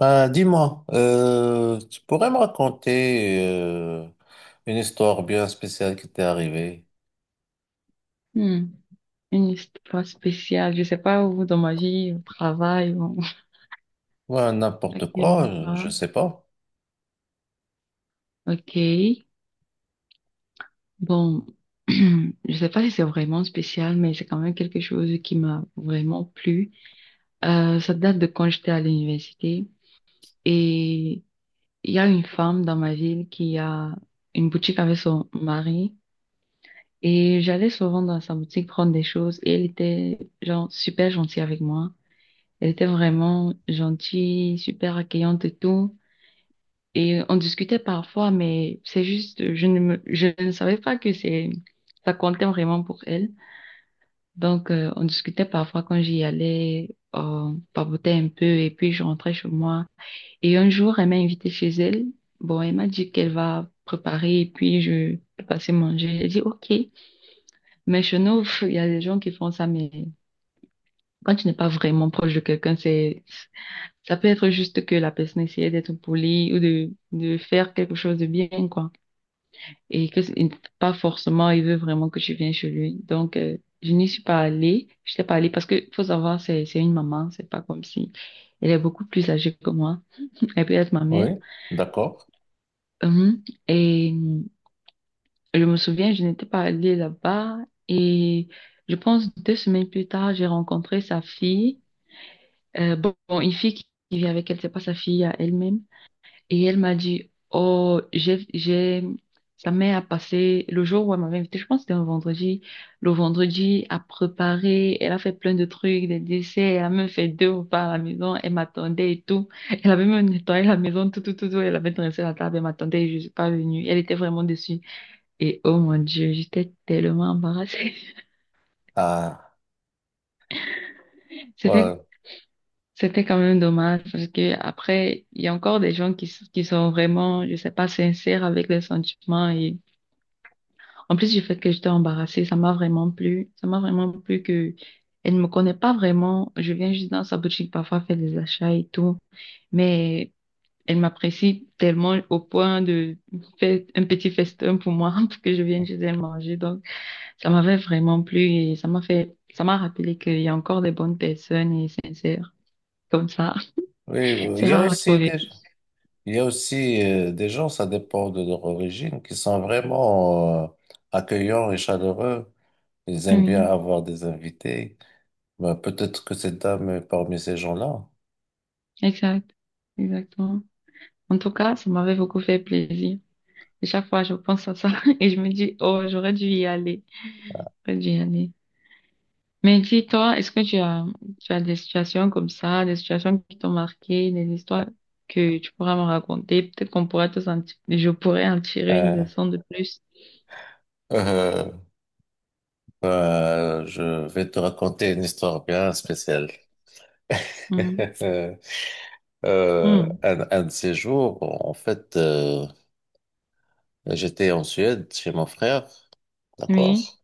Ben, dis-moi, tu pourrais me raconter une histoire bien spéciale qui t'est arrivée? Hmm, Une histoire spéciale. Je sais pas où dans ma vie, au travail, ou Ouais, à n'importe quel quoi, je endroit. sais pas. Ok. Bon, je sais pas si c'est vraiment spécial, mais c'est quand même quelque chose qui m'a vraiment plu. Ça date de quand j'étais à l'université et il y a une femme dans ma ville qui a une boutique avec son mari et j'allais souvent dans sa boutique prendre des choses et elle était genre super gentille avec moi. Elle était vraiment gentille, super accueillante et tout. Et on discutait parfois, mais c'est juste, je ne savais pas ça comptait vraiment pour elle. Donc, on discutait parfois quand j'y allais, on papotait un peu et puis je rentrais chez moi. Et un jour, elle m'a invitée chez elle. Bon, elle m'a dit qu'elle va préparer et puis je peux passer manger. J'ai dit, OK. Mais chez nous, il y a des gens qui font ça, mais quand tu n'es pas vraiment proche de quelqu'un, c'est, ça peut être juste que la personne essayait d'être polie ou de faire quelque chose de bien, quoi. Et que n'a pas forcément, il veut vraiment que je vienne chez lui. Donc, je n'y suis pas allée. Je n'étais pas allée parce que faut savoir, c'est une maman. C'est pas comme si elle est beaucoup plus âgée que moi. Elle peut être ma mère. Oui, d'accord. Et je me souviens, je n'étais pas allée là-bas. Et je pense 2 semaines plus tard, j'ai rencontré sa fille. Bon, une fille qui vit avec elle, c'est pas sa fille à elle-même. Et elle m'a dit, oh, sa mère a passé le jour où elle m'avait invitée, je pense que c'était un vendredi, le vendredi à préparer, elle a fait plein de trucs, des desserts, elle a même fait deux repas à la maison, elle m'attendait et tout. Elle avait même nettoyé la maison, tout, tout, tout, tout, elle avait dressé la table, elle m'attendait et je suis pas venue. Elle était vraiment déçue. Et oh mon Dieu, j'étais tellement embarrassée. Ah, C'était, ouais. c'était quand même dommage parce que après, il y a encore des gens qui, qui sont vraiment, je sais pas, sincères avec leurs sentiments. Et en plus du fait que j'étais embarrassée, ça m'a vraiment plu. Ça m'a vraiment plu que elle ne me connaît pas vraiment. Je viens juste dans sa boutique parfois faire des achats et tout. Mais elle m'apprécie tellement au point de faire un petit festin pour moi pour que je vienne chez elle manger. Donc, ça m'avait vraiment plu et ça m'a fait, ça m'a rappelé qu'il y a encore des bonnes personnes et sincères comme ça. Oui, oui. C'est rare à trouver. Il y a aussi des gens, ça dépend de leur origine, qui sont vraiment accueillants et chaleureux. Ils aiment bien Oui, avoir des invités. Ben, peut-être que cette dame est parmi ces gens-là. exact. Exactement. En tout cas, ça m'avait beaucoup fait plaisir. Et chaque fois, je pense à ça et je me dis, oh, j'aurais dû y aller. J'aurais dû y aller. Mais dis-toi, est-ce que tu as des situations comme ça, des situations qui t'ont marqué, des histoires que tu pourras me raconter? Peut-être qu'on pourrait tous en je pourrais en tirer une leçon de plus. Euh, je vais te raconter une histoire bien spéciale. Mhm. Euh, Mhm. un, un de ces jours, en fait, j'étais en Suède chez mon frère, Oui, d'accord?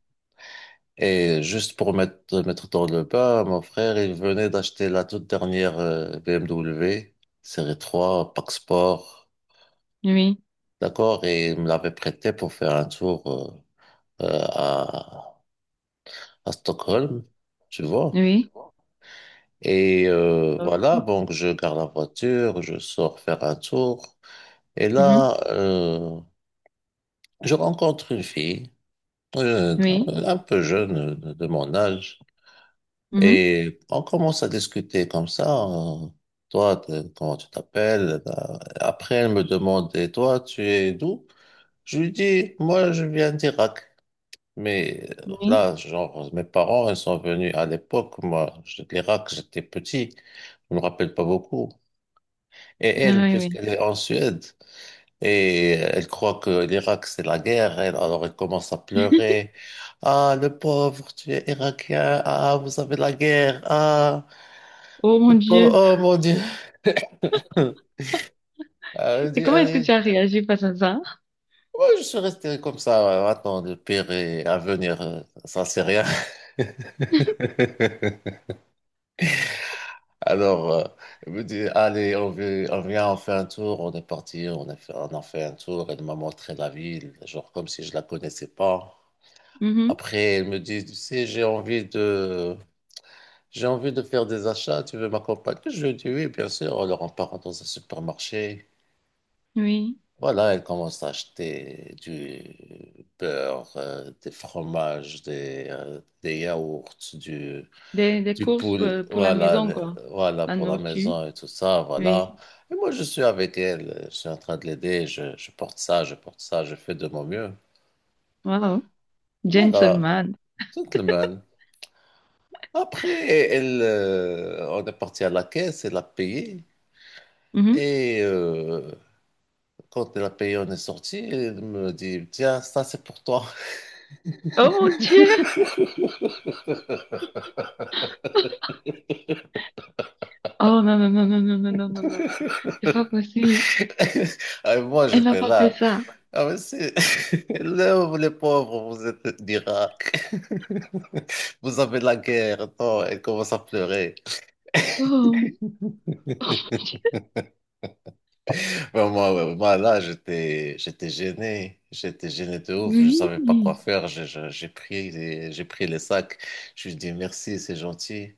Et juste pour mettre dans le bain, mon frère, il venait d'acheter la toute dernière BMW série 3 Pack Sport, oui, d'accord? Et il me l'avait prêté pour faire un tour euh, euh, à, à Stockholm, tu vois? oui. Et voilà, donc je garde la voiture, je sors faire un tour. Et Mhm. là, je rencontre une fille, euh, Oui. un peu jeune de mon âge. Mhm. Et on commence à discuter comme ça. Toi, comment tu t'appelles? Après, elle me demande, et toi, tu es d'où? Je lui dis, moi, je viens d'Irak. Mais Oui. là, genre, mes parents, ils sont venus à l'époque. Moi, l'Irak, j'étais petit. Je me rappelle pas beaucoup. Et Ah elle, oui, oui. puisqu'elle est en Suède, et elle croit que l'Irak, c'est la guerre, elle, alors elle commence à pleurer. Ah, le pauvre, tu es irakien, ah, vous avez la guerre, ah, Oh mon le pauvre, Dieu. oh mon Dieu. Elle Et dit, comment est-ce que tu allez, as réagi face à ça? moi, je suis resté comme ça, attends, le pire est à venir, ça c'est rien. Alors, elle me dit, allez, on vient, on fait un tour, on est parti, on a fait un tour, elle m'a montré la ville, genre comme si je la connaissais pas. Mhm. Après, elle me dit, tu sais, j'ai envie de faire des achats, tu veux m'accompagner? Je lui dis, oui, bien sûr. Alors, on part dans un supermarché. Oui. Voilà, elle commence à acheter du beurre, des fromages, des yaourts, du, Des du courses poule, pour la voilà, maison, quoi. voilà, La pour la nourriture. maison et tout ça, Oui, voilà. Et moi, je suis avec elle, je suis en train de l'aider, je porte ça, je porte ça, je fais de mon mieux. wow, Voilà, gentleman. tout le monde. Après, on est parti à la caisse, elle a payé. Mhm. Et quand elle a payé, on est sorti. Elle me dit, tiens, ça c'est pour toi. Oh mon Dieu! Oh non, non, non, non, non, non, non, non, non. C'est pas possible. Ah, et moi, Elle m'a j'étais pas fait là. ça. Ah, mais c'est... Là, vous, les pauvres, vous êtes d'Irak. Vous avez la guerre. Non, elle commence à pleurer. Oh, Mais moi, ouais, moi, là, j'étais gêné. J'étais gêné de ouf. Je savais pas quoi oui. faire. J'ai j'ai pris les sacs. Je lui ai dit, merci, c'est gentil.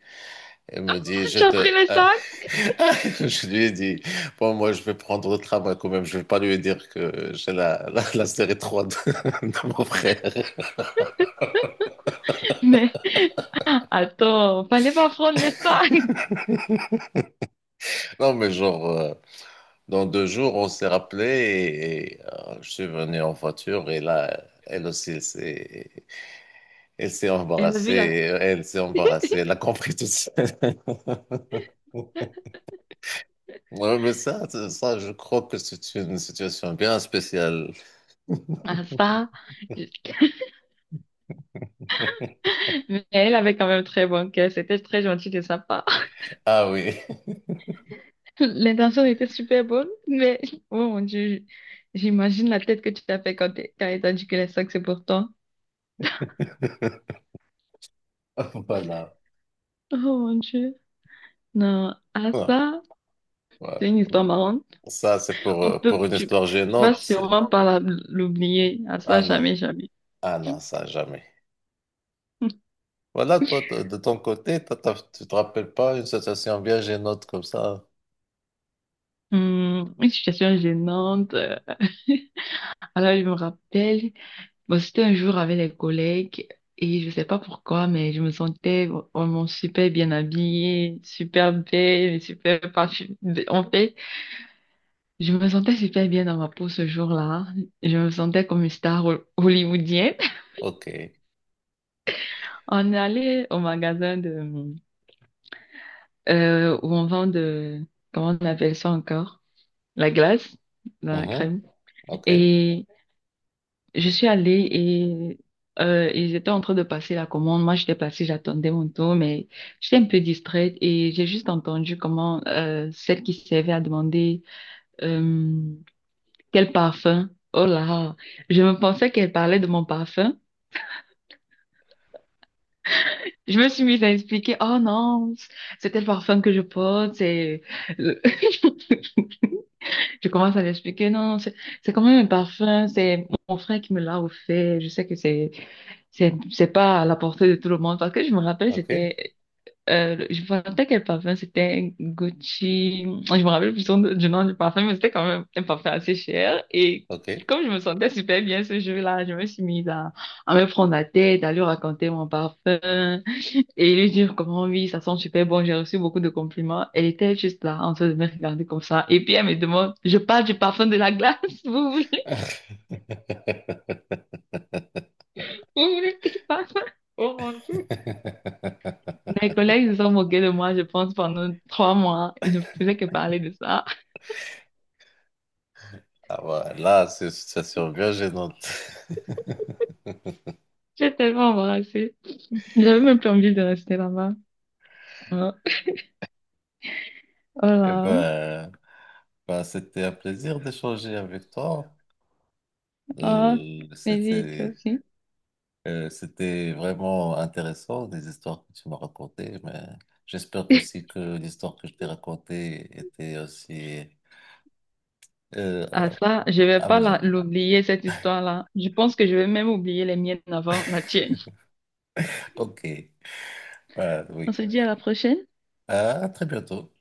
Elle Ah, me dit, je tu as pris te... les sacs? Je lui ai dit, bon, moi, je vais prendre le tramway quand même. Je vais pas lui dire que j'ai la série 3 de mon frère. Mais attends, fallait pas prendre les sacs. Non, mais genre, dans deux jours, on s'est rappelé je suis venu en voiture et là, elle aussi, elle s'est Elle a vu embarrassée. la... Elle s'est embarrassée. Elle a compris tout ça. Ouais, mais je crois que c'est une situation bien spéciale. Ah, ça. Mais elle avait quand même très bon cœur. C'était très gentil de sa part. Ah oui, L'intention était super bonne, mais oh mon Dieu, j'imagine la tête que tu t'as fait quand quand elle t'a dit que les sacs c'est pour toi. voilà. Oh mon Dieu. Non, ah Ouais. ça, c'est Ouais. une histoire marrante. Ça, c'est On peut, pour une tu, histoire tu vas gênante. Sûrement pas l'oublier. Ah Ah ça, non, jamais, jamais. ah non, ça jamais. Voilà, toi, de ton côté, tu te rappelles pas une situation bien gênante comme ça? Une situation gênante. Alors, je me rappelle, bon, c'était un jour avec les collègues et je sais pas pourquoi, mais je me sentais vraiment super bien habillée, super belle, et super parfumée. En fait, je me sentais super bien dans ma peau ce jour-là. Je me sentais comme une star hollywoodienne. Ok. On est allé au magasin de, où on vend de, comment on appelle ça encore? La glace, la Mhm. crème. Ok, Et je suis allée et ils étaient en train de passer la commande. Moi, j'étais placée, j'attendais mon tour, mais j'étais un peu distraite et j'ai juste entendu comment celle qui servait a demandé euh, quel parfum. Oh là, je me pensais qu'elle parlait de mon parfum. Je me suis mise à expliquer, oh non, c'était le parfum que je porte, c'est je commence à l'expliquer. Non, non, c'est quand même un parfum. C'est mon frère qui me l'a offert. Je sais que c'est c'est pas à la portée de tout le monde. Parce que je me rappelle, ok, c'était je me rappelle quel parfum. C'était Gucci. Je me rappelle plus du nom du parfum, mais c'était quand même un parfum assez cher. Et ok. comme je me sentais super bien ce jour-là, je me suis mise à me prendre la tête, à lui raconter mon parfum et lui dire comment oui, ça sent super bon, j'ai reçu beaucoup de compliments. Elle était juste là, en train de me regarder comme ça. Et puis elle me demande, je parle du parfum de la glace, vous voulez, vous voulez quel parfum? Oh mon Dieu. Mes collègues se sont moqués de moi, je pense, pendant 3 mois. Ils ne faisaient que parler de ça. Ah ouais, là, c'est une situation bien gênante. J'ai tellement embarrassée. J'avais même plus envie de rester là-bas. Voilà. Oh Eh là. ben, ben, c'était un plaisir d'échanger avec toi. Ah, Euh, vas-y, toi c'était, aussi. C'était vraiment intéressant, les histoires que tu m'as racontées, mais j'espère aussi que l'histoire que je t'ai racontée était aussi euh, Ah ça, je vais pas amusante. l'oublier, cette histoire-là. Je pense que je vais même oublier les miennes avant la tienne. Ok, ben, On oui. se dit à la prochaine. Ah, à très bientôt.